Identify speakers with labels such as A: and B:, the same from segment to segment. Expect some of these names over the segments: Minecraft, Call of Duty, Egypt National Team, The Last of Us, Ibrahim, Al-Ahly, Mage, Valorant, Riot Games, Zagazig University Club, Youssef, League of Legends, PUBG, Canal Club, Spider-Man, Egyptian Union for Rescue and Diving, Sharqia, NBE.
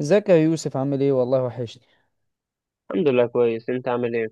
A: ازيك يا يوسف؟ عامل ايه؟ والله وحشني.
B: الحمد لله، كويس. انت عامل ايه؟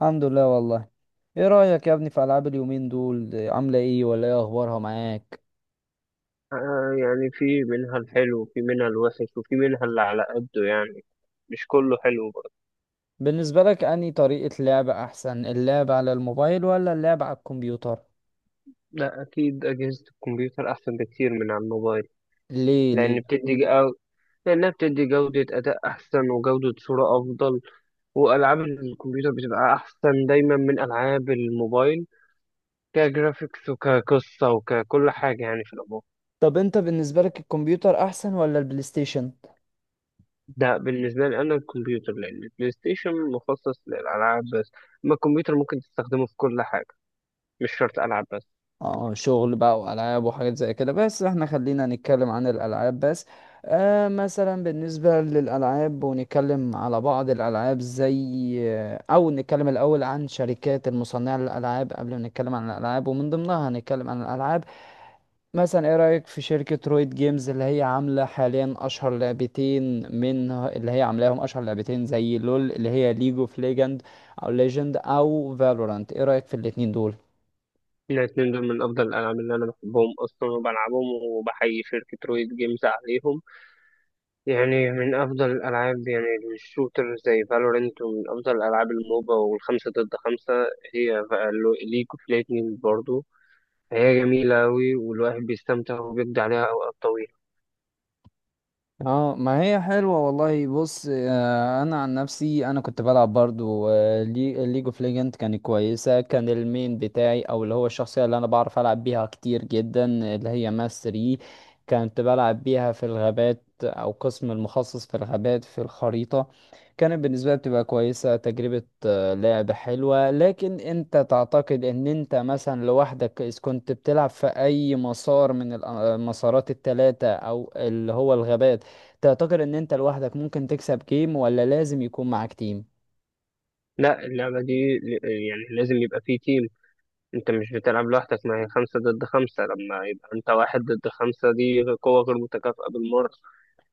A: الحمد لله والله. ايه رأيك يا ابني في العاب اليومين دول؟ عاملة ايه ولا ايه اخبارها معاك؟
B: آه، يعني في منها الحلو وفي منها الوحش وفي منها اللي على قده، يعني مش كله حلو برضه.
A: بالنسبة لك انهي طريقة لعب احسن، اللعب على الموبايل ولا اللعب على الكمبيوتر؟
B: لا، اكيد اجهزة الكمبيوتر احسن بكتير من على الموبايل.
A: ليه
B: لان
A: ليه؟
B: بتدي جو... لانها بتدي جودة اداء احسن وجودة صورة افضل. والعاب الكمبيوتر بتبقى احسن دايما من العاب الموبايل، كجرافيكس وكقصة وككل حاجة يعني في العموم.
A: طب انت بالنسبة لك الكمبيوتر احسن ولا البلاي ستيشن؟
B: ده بالنسبة لي أنا الكمبيوتر، لأن البلاي ستيشن مخصص للألعاب بس. أما الكمبيوتر ممكن تستخدمه في كل حاجة، مش شرط ألعب بس.
A: اه، شغل بقى والعاب وحاجات زي كده، بس احنا خلينا نتكلم عن الالعاب بس. مثلا بالنسبه للالعاب، ونتكلم على بعض الالعاب زي او نتكلم الاول عن شركات المصنعه للالعاب قبل ما نتكلم عن الالعاب، ومن ضمنها هنتكلم عن الالعاب. مثلا ايه رايك في شركه رويد جيمز اللي هي عامله حاليا اشهر لعبتين، من اللي هي عاملاهم اشهر لعبتين زي لول اللي هي ليج اوف ليجند او ليجند او فالورانت، ايه رايك في الاتنين دول؟
B: الاتنين دول من أفضل الألعاب اللي أنا بحبهم أصلا وبلعبهم، وبحيي شركة رويد جيمز عليهم. يعني من أفضل الألعاب، يعني الشوتر زي فالورنت، ومن أفضل الألعاب الموبا والخمسة ضد خمسة هي ليج اوف ليجندز برضه. هي جميلة أوي والواحد بيستمتع وبيقضي عليها أوقات طويلة.
A: اه، ما هي حلوة والله. بص، انا عن نفسي انا كنت بلعب برضو ليج اوف ليجند، كانت كويسة. كان المين بتاعي او اللي هو الشخصية اللي انا بعرف العب بيها كتير جدا اللي هي ماس 3. كنت بلعب بيها في الغابات، او قسم المخصص في الغابات في الخريطة. كانت بالنسبة لي بتبقى كويسة، تجربة لعب حلوة. لكن انت تعتقد ان انت مثلا لوحدك اذا كنت بتلعب في اي مسار من المسارات التلاتة او اللي هو الغابات، تعتقد ان انت لوحدك ممكن تكسب جيم ولا لازم يكون معاك تيم؟
B: لا، اللعبة دي يعني لازم يبقى فيه تيم. انت مش بتلعب لوحدك، ما هي خمسة ضد خمسة. لما يبقى انت واحد ضد خمسة دي قوة غير متكافئة بالمرة،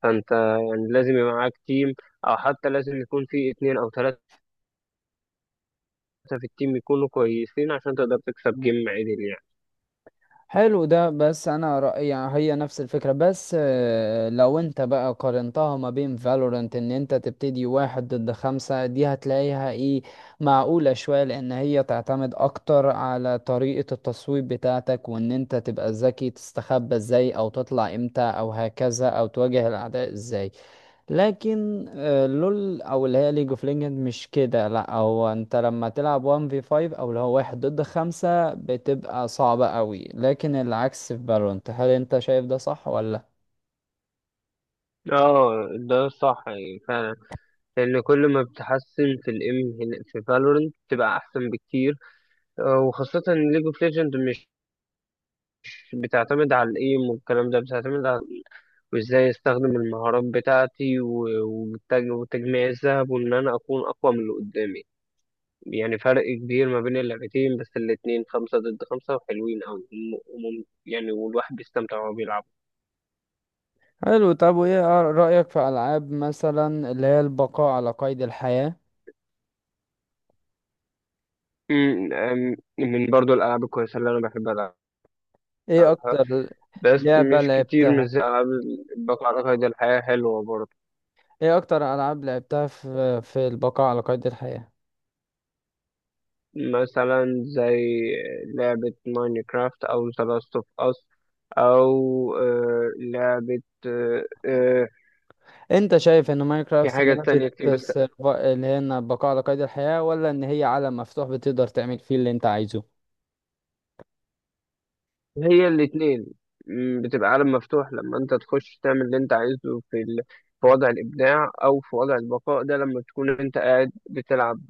B: فانت يعني لازم يبقى معاك تيم، او حتى لازم يكون في اتنين او تلاتة في التيم يكونوا كويسين عشان تقدر تكسب جيم عدل يعني.
A: حلو ده. بس انا رأيي يعني هي نفس الفكرة، بس لو انت بقى قارنتها ما بين فالورانت ان انت تبتدي واحد ضد خمسة، دي هتلاقيها ايه؟ معقولة شوية، لان هي تعتمد اكتر على طريقة التصويب بتاعتك، وان انت تبقى ذكي تستخبى ازاي او تطلع امتى او هكذا او تواجه الاعداء ازاي. لكن لول او اللي هي ليج اوف ليجند مش كده. لا، هو انت لما تلعب 1 في 5 او اللي هو واحد ضد خمسة بتبقى صعبة قوي، لكن العكس في فالورانت. هل انت شايف ده صح ولا؟
B: اه، ده صح يعني فعلا. لان كل ما بتحسن في الام في فالورنت بتبقى احسن بكتير. وخاصة ان ليج اوف ليجند مش بتعتمد على الايم والكلام ده، بتعتمد على وازاي استخدم المهارات بتاعتي وتجميع الذهب وان انا اكون اقوى من اللي قدامي. يعني فرق كبير ما بين اللعبتين، بس الاتنين خمسة ضد خمسة وحلوين أوي يعني والواحد بيستمتع وهو بيلعب.
A: حلو. طب وايه رأيك في العاب مثلا اللي هي البقاء على قيد الحياة؟
B: من برضو الألعاب الكويسة اللي أنا بحب ألعبها.
A: ايه اكتر
B: بس
A: لعبة
B: مش كتير، مش
A: لعبتها؟
B: زي الألعاب اللي بقى قيد الحياة حلوة برضو.
A: ايه اكتر العاب لعبتها في البقاء على قيد الحياة؟
B: مثلا زي لعبة ماينكرافت أو ذا لاست أوف أس، أو لعبة.
A: انت شايف ان
B: في
A: ماينكرافت
B: حاجة
A: لعبة
B: تانية كتير، بس
A: اللي هي إن بقاء على قيد الحياة، ولا ان هي عالم مفتوح بتقدر تعمل فيه اللي انت عايزه؟
B: هي الاتنين بتبقى عالم مفتوح لما انت تخش تعمل اللي انت عايزه في وضع الابداع او في وضع البقاء ده. لما تكون انت قاعد بتلعب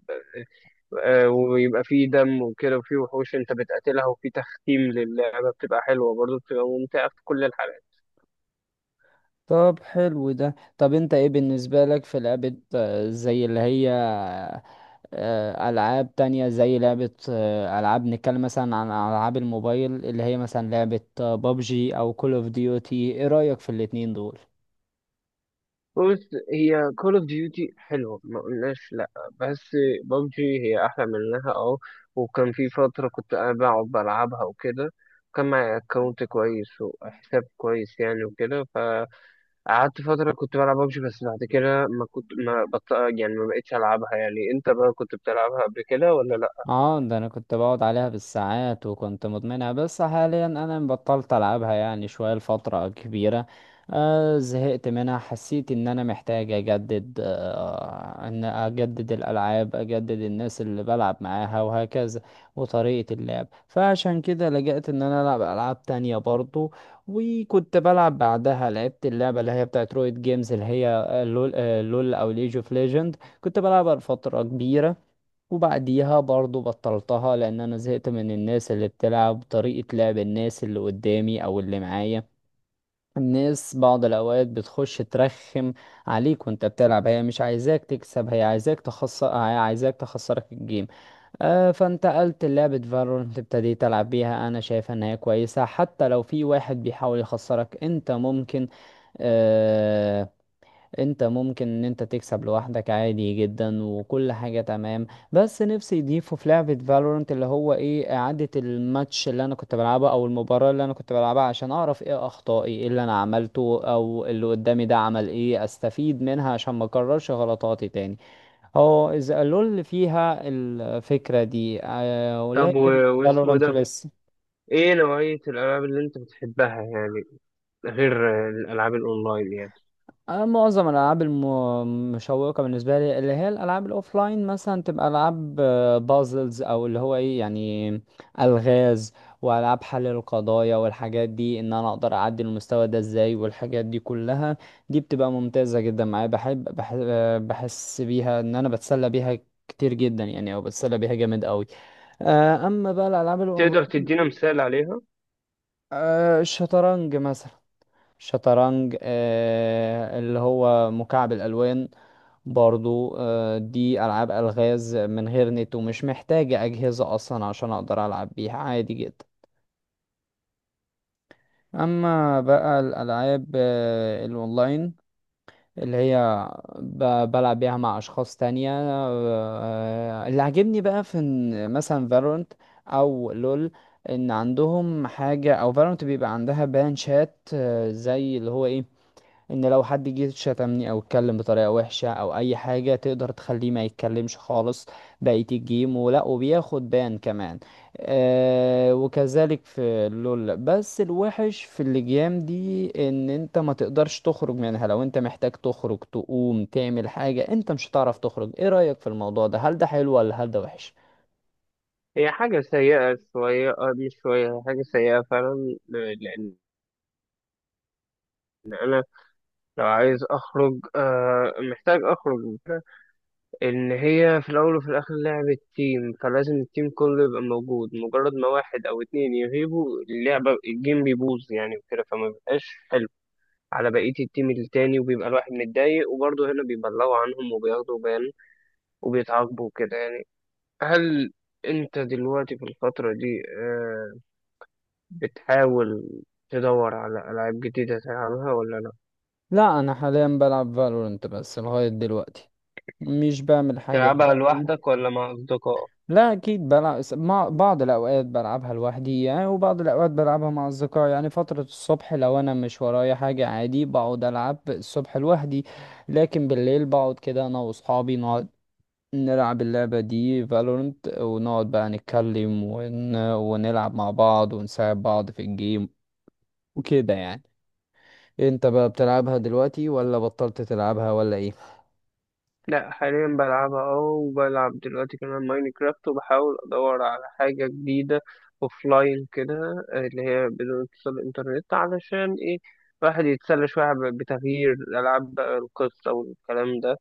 B: ويبقى فيه دم وكده، وفيه وحوش انت بتقاتلها، وفيه تختيم للعبه، بتبقى حلوه برضه، بتبقى ممتعه في كل الحالات.
A: طب حلو ده. طب انت ايه بالنسبة لك في لعبة، زي اللي هي ألعاب تانية زي لعبة، ألعاب، نتكلم مثلا عن ألعاب الموبايل اللي هي مثلا لعبة بابجي أو كول اوف ديوتي، ايه رأيك في الاتنين دول؟
B: بص، هي كول اوف ديوتي حلوه ما قلناش لا، بس بابجي هي احلى منها اه. وكان في فتره كنت انا بقعد بلعبها وكده. كان معايا اكونت كويس وحساب كويس يعني وكده. فقعدت فتره كنت بلعب بابجي، بس بعد كده ما كنت ما بط... يعني ما بقتش العبها. يعني انت بقى كنت بتلعبها قبل كده ولا لا؟
A: اه، ده انا كنت بقعد عليها بالساعات وكنت مدمنها. بس حاليا انا بطلت العبها يعني شوية لفترة كبيرة. زهقت منها، حسيت ان انا محتاج اجدد، ان اجدد الالعاب، اجدد الناس اللي بلعب معاها وهكذا، وطريقة اللعب. فعشان كده لجأت ان انا العب العاب تانية برضو. وكنت بلعب بعدها، لعبت اللعبة اللي هي بتاعت رويد جيمز اللي هي لول او ليج اوف ليجند. كنت بلعبها لفترة كبيرة، وبعديها برضو بطلتها لان انا زهقت من الناس اللي بتلعب، طريقة لعب الناس اللي قدامي او اللي معايا. الناس بعض الاوقات بتخش ترخم عليك وانت بتلعب. هي مش عايزاك تكسب، هي عايزاك تخسر، هي عايزاك تخسرك الجيم. فانتقلت لعبة فالورنت، ابتديت العب بيها. انا شايف ان هي كويسة حتى لو في واحد بيحاول يخسرك، انت ممكن، آه، انت ممكن ان انت تكسب لوحدك عادي جدا، وكل حاجة تمام. بس نفسي يضيفوا في لعبة فالورنت اللي هو ايه، اعادة الماتش اللي انا كنت بلعبها او المباراة اللي انا كنت بلعبها، عشان اعرف ايه اخطائي، ايه اللي انا عملته او اللي قدامي ده عمل ايه، استفيد منها عشان ما اكررش غلطاتي تاني. هو اذا قالوا اللي فيها الفكرة دي،
B: طب
A: ولكن
B: واسمه
A: فالورنت
B: ده،
A: لسه.
B: ايه نوعيه الالعاب اللي انت بتحبها يعني غير الالعاب الاونلاين يعني؟
A: أنا معظم الألعاب المشوقة بالنسبة لي اللي هي الألعاب الأوفلاين، مثلا تبقى ألعاب بازلز، أو اللي هو إيه يعني، ألغاز، وألعاب حل القضايا والحاجات دي، إن أنا أقدر أعدي المستوى ده إزاي والحاجات دي كلها. دي بتبقى ممتازة جدا معايا. بحب بحس بيها إن أنا بتسلى بيها كتير جدا يعني، أو بتسلى بيها جامد أوي. أما بقى الألعاب الأونلاين،
B: تقدر تدينا مثال عليها؟
A: الشطرنج مثلا، شطرنج، اللي هو مكعب الألوان برضو، دي ألعاب ألغاز من غير نت ومش محتاجة أجهزة أصلا عشان أقدر ألعب بيها عادي جدا. أما بقى الألعاب الأونلاين اللي هي بلعب بيها مع أشخاص تانية، اللي عاجبني بقى في إن مثلا فالورنت أو لول، إن عندهم حاجة، أو فالورنت بيبقى عندها بان شات، زي اللي هو إيه، ان لو حد جه شتمني او اتكلم بطريقه وحشه او اي حاجه، تقدر تخليه ما يتكلمش خالص بقيه الجيم، ولا وبياخد بان كمان. وكذلك في لول. بس الوحش في اللجام دي ان انت ما تقدرش تخرج منها، لو انت محتاج تخرج تقوم تعمل حاجه انت مش هتعرف تخرج. ايه رايك في الموضوع ده؟ هل ده حلو ولا هل ده وحش؟
B: هي حاجة سيئة شوية، مش شوية، هي حاجة سيئة فعلا لأن لو عايز أخرج محتاج أخرج. إن هي في الأول وفي الآخر لعبة تيم، فلازم التيم كله يبقى موجود. مجرد ما واحد أو اتنين يغيبوا، اللعبة الجيم بيبوظ يعني وكده، فما بيبقاش حلو على بقية التيم التاني، وبيبقى الواحد متضايق. وبرضه هنا بيبلغوا عنهم وبياخدوا بان وبيتعاقبوا كده يعني. هل أنت دلوقتي في الفترة دي بتحاول تدور على ألعاب جديدة تلعبها ولا لأ؟
A: لا، انا حاليا بلعب فالورنت بس لغايه دلوقتي، مش بعمل حاجه.
B: تلعبها لوحدك ولا مع أصدقائك؟
A: لا، اكيد بلعب مع بعض. الاوقات بلعبها لوحدي يعني، وبعض الاوقات بلعبها مع اصدقائي. يعني فترة الصبح لو انا مش ورايا حاجة عادي بقعد العب الصبح لوحدي، لكن بالليل بقعد كده انا واصحابي، نقعد نلعب اللعبة دي فالورنت، ونقعد بقى نتكلم ونلعب مع بعض ونساعد بعض في الجيم وكده يعني. انت بقى بتلعبها دلوقتي ولا بطلت تلعبها ولا ايه؟
B: لأ، حاليا بلعبها اه، وبلعب دلوقتي كمان ماينكرافت، وبحاول أدور على حاجة جديدة أوفلاين كده، اللي هي بدون اتصال إنترنت، علشان إيه الواحد يتسلى شوية بتغيير الألعاب بقى. القصة والكلام ده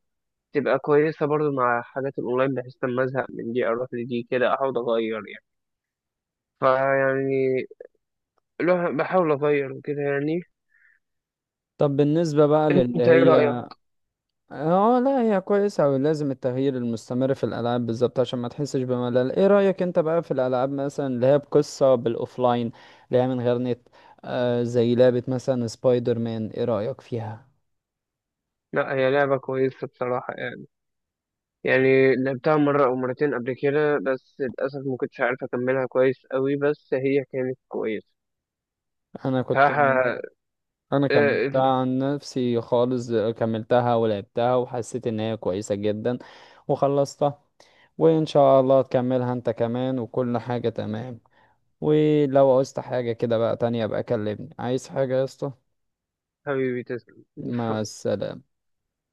B: تبقى كويسة برضو مع حاجات الأونلاين، بحيث لما أزهق من دي أروح لدي كده أحاول أغير يعني. فيعني الواحد بحاول أغير وكده يعني.
A: طب بالنسبة بقى للي
B: أنت إيه
A: هي.
B: رأيك؟
A: اه، لا هي كويسة، ولازم التغيير المستمر في الألعاب بالظبط عشان ما تحسش بملل. ايه رأيك انت بقى في الألعاب مثلا اللي هي بقصة بالأوفلاين، اللي هي من غير نت، زي لعبة مثلا سبايدر مان، ايه رأيك فيها؟
B: لا، هي لعبة كويسة بصراحة يعني. لعبتها مرة أو مرتين قبل كده، بس للأسف ما كنتش عارف أكملها كويس قوي، بس هي كانت كويسة
A: انا كنت
B: بصراحة.
A: انا كملتها
B: آه،
A: عن نفسي خالص، كملتها ولعبتها وحسيت ان هي كويسة جدا وخلصتها. وان شاء الله تكملها انت كمان، وكل حاجة تمام. ولو عوزت حاجة كده بقى تانية، بقى كلمني عايز حاجة يا اسطى.
B: حبيبي تسلم.
A: مع السلامة.